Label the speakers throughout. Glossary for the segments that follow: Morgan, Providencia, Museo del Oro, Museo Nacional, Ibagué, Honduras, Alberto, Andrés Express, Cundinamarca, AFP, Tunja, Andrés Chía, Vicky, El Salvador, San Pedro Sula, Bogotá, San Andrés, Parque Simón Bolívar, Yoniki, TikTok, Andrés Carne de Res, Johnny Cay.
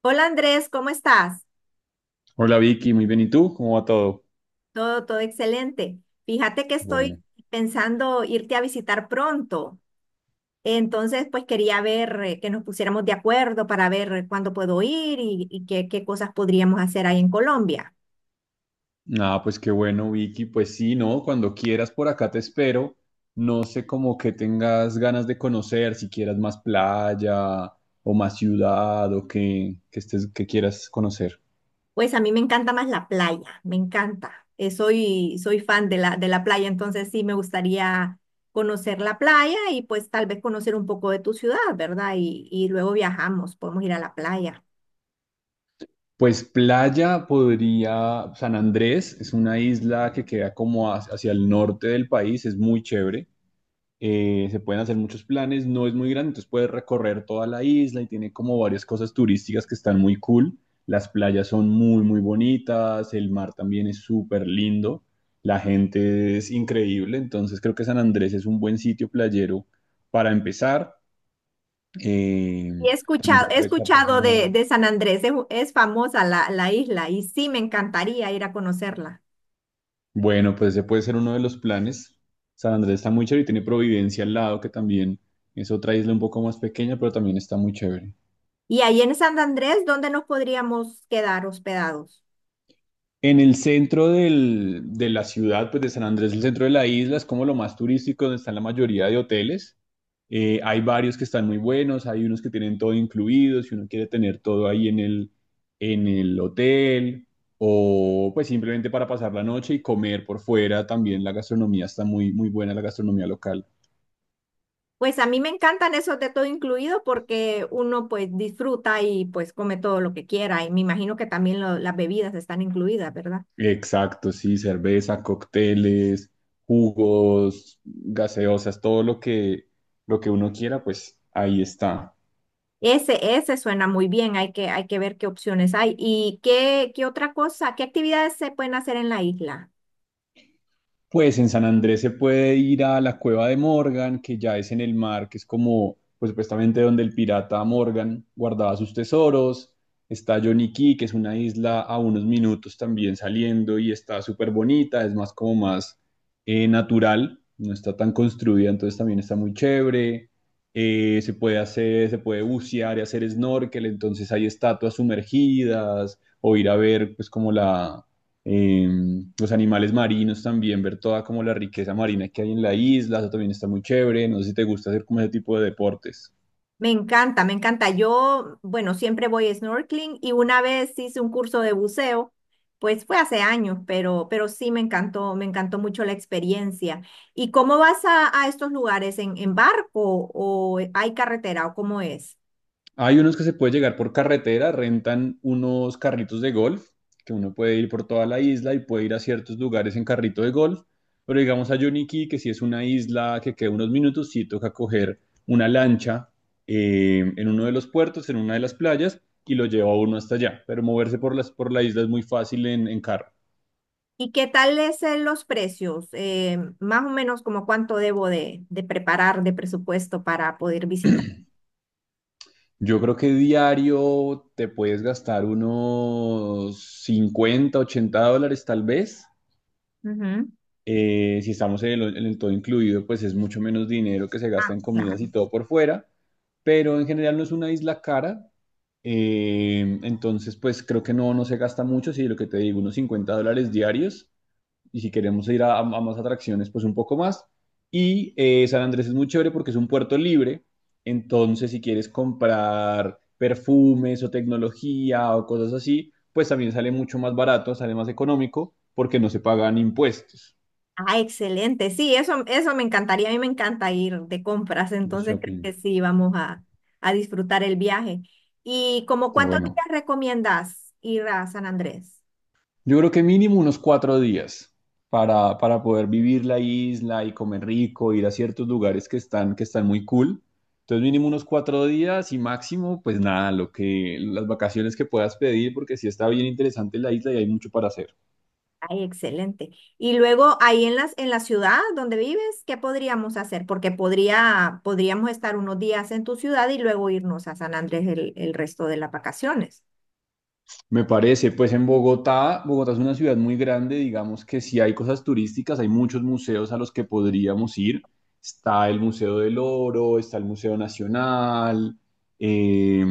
Speaker 1: Hola Andrés, ¿cómo estás?
Speaker 2: Hola Vicky, muy bien. ¿Y tú? ¿Cómo va todo?
Speaker 1: Todo excelente. Fíjate que
Speaker 2: Qué bueno.
Speaker 1: estoy pensando irte a visitar pronto. Entonces, pues quería ver que nos pusiéramos de acuerdo para ver cuándo puedo ir y qué, qué cosas podríamos hacer ahí en Colombia.
Speaker 2: Nada, pues qué bueno Vicky. Pues sí, ¿no? Cuando quieras por acá te espero. No sé como que tengas ganas de conocer, si quieras más playa o más ciudad o que estés, que quieras conocer.
Speaker 1: Pues a mí me encanta más la playa, me encanta. Soy fan de la playa, entonces sí me gustaría conocer la playa y pues tal vez conocer un poco de tu ciudad, ¿verdad? Y luego viajamos, podemos ir a la playa.
Speaker 2: Pues playa podría, San Andrés es una isla que queda como hacia el norte del país, es muy chévere. Se pueden hacer muchos planes, no es muy grande, entonces puedes recorrer toda la isla y tiene como varias cosas turísticas que están muy cool. Las playas son muy, muy bonitas, el mar también es súper lindo, la gente es increíble, entonces creo que San Andrés es un buen sitio playero para empezar.
Speaker 1: Y
Speaker 2: Eh,
Speaker 1: he
Speaker 2: También se
Speaker 1: escuchado, he
Speaker 2: puede
Speaker 1: escuchado de,
Speaker 2: Cartagena.
Speaker 1: de San Andrés, es famosa la isla y sí me encantaría ir a conocerla.
Speaker 2: Bueno, pues ese puede ser uno de los planes. San Andrés está muy chévere y tiene Providencia al lado, que también es otra isla un poco más pequeña, pero también está muy chévere.
Speaker 1: Y ahí en San Andrés, ¿dónde nos podríamos quedar hospedados?
Speaker 2: En el de la ciudad, pues de San Andrés, el centro de la isla, es como lo más turístico, donde están la mayoría de hoteles. Hay varios que están muy buenos, hay unos que tienen todo incluido, si uno quiere tener todo ahí en el hotel, o pues simplemente para pasar la noche y comer por fuera, también la gastronomía está muy, muy buena, la gastronomía local.
Speaker 1: Pues a mí me encantan esos de todo incluido porque uno pues disfruta y pues come todo lo que quiera y me imagino que también las bebidas están incluidas, ¿verdad?
Speaker 2: Exacto, sí, cerveza, cócteles, jugos, gaseosas, lo que uno quiera, pues ahí está.
Speaker 1: Ese suena muy bien, hay que ver qué opciones hay. Y qué, qué otra cosa, ¿qué actividades se pueden hacer en la isla?
Speaker 2: Pues en San Andrés se puede ir a la cueva de Morgan, que ya es en el mar, que es como, pues supuestamente donde el pirata Morgan guardaba sus tesoros. Está Johnny Cay, que es una isla a unos minutos también saliendo y está súper bonita, es más natural, no está tan construida, entonces también está muy chévere. Se puede bucear y hacer snorkel, entonces hay estatuas sumergidas o ir a ver pues como la eh, los animales marinos también, ver toda como la riqueza marina que hay en la isla, eso también está muy chévere, no sé si te gusta hacer como ese tipo de deportes.
Speaker 1: Me encanta, me encanta. Yo, bueno, siempre voy a snorkeling y una vez hice un curso de buceo, pues fue hace años, pero sí me encantó mucho la experiencia. ¿Y cómo vas a estos lugares? ¿En barco o hay carretera o cómo es?
Speaker 2: Hay unos que se puede llegar por carretera, rentan unos carritos de golf, que uno puede ir por toda la isla y puede ir a ciertos lugares en carrito de golf, pero digamos a Yoniki, que si es una isla que queda unos minutos, sí toca coger una lancha en uno de los puertos, en una de las playas, y lo lleva uno hasta allá, pero moverse por la isla es muy fácil en carro.
Speaker 1: ¿Y qué tal es los precios? Más o menos como cuánto debo de preparar de presupuesto para poder visitar.
Speaker 2: Yo creo que diario te puedes gastar unos 50 80 dólares tal vez.
Speaker 1: Ujú.
Speaker 2: Si estamos en el todo incluido, pues es mucho menos dinero que se gasta
Speaker 1: Ah,
Speaker 2: en comidas y
Speaker 1: claro.
Speaker 2: todo por fuera. Pero en general no es una isla cara. Entonces, pues creo que no, no se gasta mucho. Si lo que te digo, unos 50 dólares diarios y si queremos ir a más atracciones, pues un poco más. Y San Andrés es muy chévere porque es un puerto libre, entonces si quieres comprar perfumes o tecnología o cosas así, pues también sale mucho más barato, sale más económico porque no se pagan impuestos
Speaker 1: Ah, excelente. Sí, eso me encantaría. A mí me encanta ir de compras,
Speaker 2: de
Speaker 1: entonces creo
Speaker 2: shopping.
Speaker 1: que sí, a disfrutar el viaje. ¿Y como
Speaker 2: Qué
Speaker 1: cuántos
Speaker 2: bueno.
Speaker 1: días recomiendas ir a San Andrés?
Speaker 2: Yo creo que mínimo unos 4 días para poder vivir la isla y comer rico, ir a ciertos lugares que están muy cool. Entonces mínimo unos 4 días y máximo, pues nada, lo que, las vacaciones que puedas pedir, porque sí está bien interesante la isla y hay mucho para hacer.
Speaker 1: Ay, excelente. Y luego ahí en en la ciudad donde vives, ¿qué podríamos hacer? Porque podríamos estar unos días en tu ciudad y luego irnos a San Andrés el resto de las vacaciones.
Speaker 2: Me parece, pues en Bogotá, Bogotá es una ciudad muy grande, digamos que sí hay cosas turísticas, hay muchos museos a los que podríamos ir. Está el Museo del Oro, está el Museo Nacional, eh,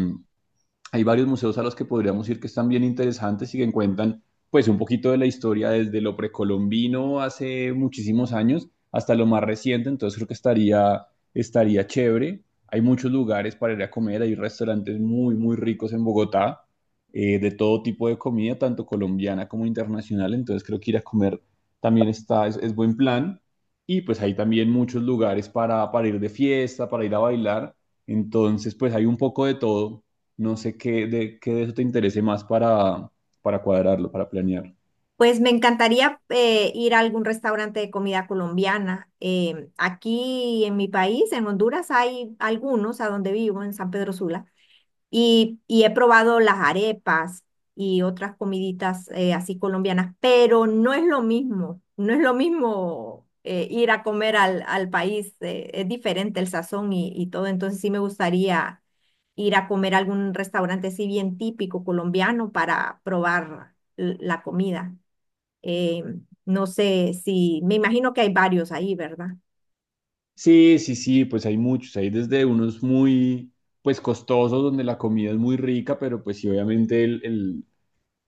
Speaker 2: hay varios museos a los que podríamos ir que están bien interesantes y que cuentan pues un poquito de la historia desde lo precolombino hace muchísimos años hasta lo más reciente, entonces creo que estaría chévere. Hay muchos lugares para ir a comer, hay restaurantes muy, muy ricos en Bogotá, de todo tipo de comida, tanto colombiana como internacional, entonces creo que ir a comer también es buen plan. Y pues hay también muchos lugares para ir de fiesta, para ir a bailar, entonces pues hay un poco de todo. No sé qué de eso te interese más para cuadrarlo, para planear.
Speaker 1: Pues me encantaría ir a algún restaurante de comida colombiana. Aquí en mi país, en Honduras, hay algunos a donde vivo, en San Pedro Sula, y he probado las arepas y otras comiditas así colombianas, pero no es lo mismo, no es lo mismo ir a comer al país, es diferente el sazón y todo, entonces sí me gustaría ir a comer a algún restaurante así bien típico colombiano para probar la comida. Eh, no sé si, me imagino que hay varios ahí, ¿verdad?
Speaker 2: Sí, sí, sí, pues hay muchos, hay desde unos muy, pues costosos, donde la comida es muy rica, pero pues sí, obviamente el, el,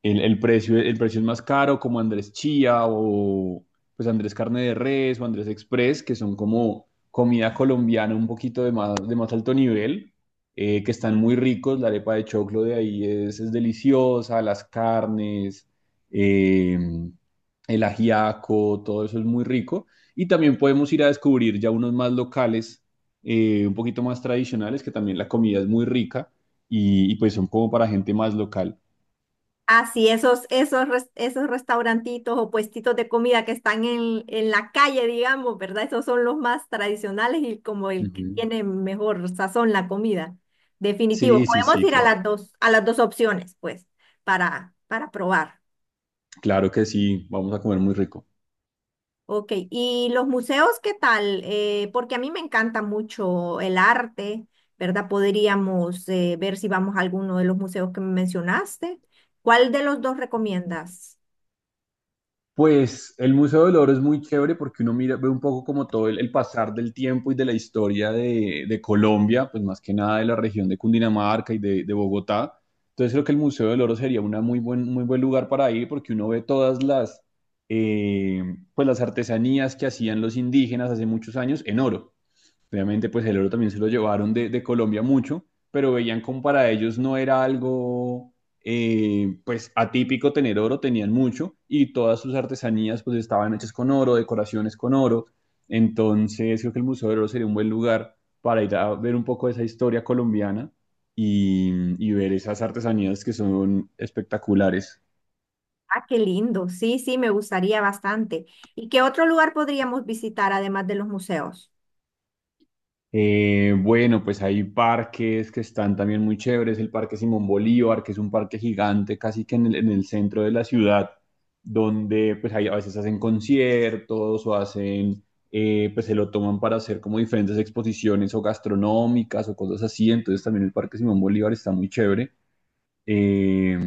Speaker 2: el, el precio es más caro, como Andrés Chía o pues Andrés Carne de Res o Andrés Express, que son como comida colombiana un poquito de de más alto nivel, que están muy ricos, la arepa de choclo de ahí es deliciosa, las carnes, eh, el ajiaco, todo eso es muy rico. Y también podemos ir a descubrir ya unos más locales, un poquito más tradicionales, que también la comida es muy rica y pues son como para gente más local.
Speaker 1: Ah, sí, esos restaurantitos o puestitos de comida que están en la calle, digamos, ¿verdad? Esos son los más tradicionales y como el que
Speaker 2: Ujú.
Speaker 1: tiene mejor sazón la comida. Definitivo,
Speaker 2: Sí, sí,
Speaker 1: podemos
Speaker 2: sí,
Speaker 1: ir
Speaker 2: claro.
Speaker 1: a las dos opciones, pues, para probar.
Speaker 2: Claro que sí, vamos a comer muy rico.
Speaker 1: Ok, ¿y los museos qué tal? Porque a mí me encanta mucho el arte, ¿verdad? Podríamos ver si vamos a alguno de los museos que me mencionaste. ¿Cuál de los dos recomiendas?
Speaker 2: Pues el Museo del Oro es muy chévere porque uno mira, ve un poco como todo el pasar del tiempo y de la historia de Colombia, pues más que nada de la región de Cundinamarca y de Bogotá. Entonces creo que el Museo del Oro sería una muy buen lugar para ir porque uno ve todas eh, pues las artesanías que hacían los indígenas hace muchos años en oro. Obviamente, pues el oro también se lo llevaron de Colombia mucho, pero veían como para ellos no era algo, pues atípico tener oro, tenían mucho y todas sus artesanías pues estaban hechas con oro, decoraciones con oro. Entonces, creo que el Museo del Oro sería un buen lugar para ir a ver un poco de esa historia colombiana y, y ver esas artesanías que son espectaculares.
Speaker 1: Ah, qué lindo. Sí, sí, me gustaría bastante. ¿Y qué otro lugar podríamos visitar además de los museos?
Speaker 2: Bueno, pues hay parques que están también muy chéveres. El Parque Simón Bolívar, que es un parque gigante casi que en el centro de la ciudad, donde pues hay, a veces hacen conciertos o pues se lo toman para hacer como diferentes exposiciones o gastronómicas o cosas así. Entonces también el Parque Simón Bolívar está muy chévere. Eh,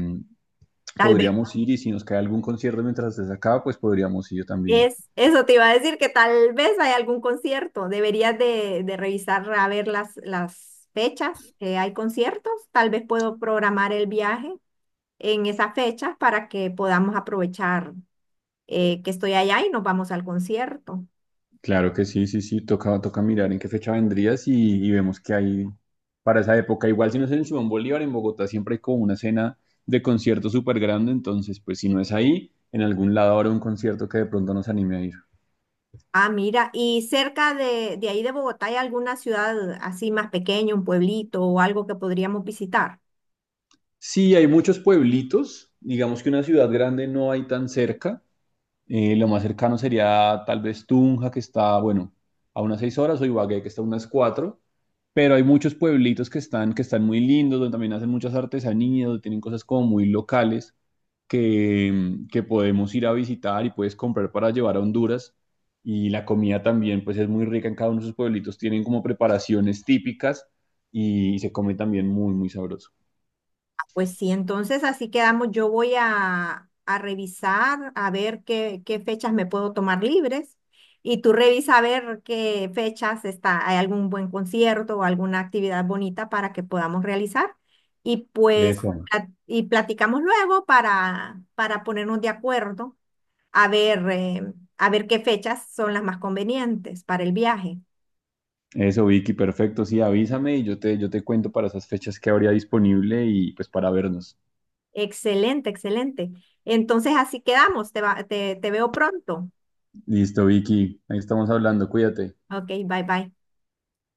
Speaker 1: Tal vez
Speaker 2: podríamos ir y si nos cae algún concierto mientras estés acá, pues podríamos ir también.
Speaker 1: eso te iba a decir, que tal vez hay algún concierto. Deberías de revisar a ver las fechas que hay conciertos. Tal vez puedo programar el viaje en esas fechas para que podamos aprovechar que estoy allá y nos vamos al concierto.
Speaker 2: Claro que sí, sí, sí, toca, toca mirar en qué fecha y vemos que hay para esa época. Igual si no es en el Simón Bolívar, en Bogotá siempre hay como una escena de concierto súper grande, entonces pues si no es ahí, en algún lado habrá un concierto que de pronto nos anime a ir.
Speaker 1: Ah, mira, y cerca de ahí de Bogotá, ¿hay alguna ciudad así más pequeña, un pueblito o algo que podríamos visitar?
Speaker 2: Sí, hay muchos pueblitos, digamos que una ciudad grande no hay tan cerca. Lo más cercano sería tal vez Tunja, que está, bueno, a unas 6 horas, o Ibagué, que está a unas 4. Pero hay muchos pueblitos que están muy lindos, donde también hacen muchas artesanías, donde tienen cosas como muy locales que podemos ir a visitar y puedes comprar para llevar a Honduras. Y la comida también, pues es muy rica en cada uno de sus pueblitos. Tienen como preparaciones típicas y se come también muy, muy sabroso.
Speaker 1: Pues sí, entonces así quedamos. Yo a revisar a ver qué fechas me puedo tomar libres y tú revisa a ver qué fechas está, hay algún buen concierto o alguna actividad bonita para que podamos realizar y pues
Speaker 2: Eso.
Speaker 1: y platicamos luego para ponernos de acuerdo a ver qué fechas son las más convenientes para el viaje.
Speaker 2: Eso, Vicky, perfecto. Sí, avísame y yo te cuento para esas fechas que habría disponible y pues para vernos.
Speaker 1: Excelente, excelente. Entonces así quedamos. Te, te veo pronto.
Speaker 2: Listo, Vicky, ahí estamos hablando, cuídate.
Speaker 1: Ok, bye bye.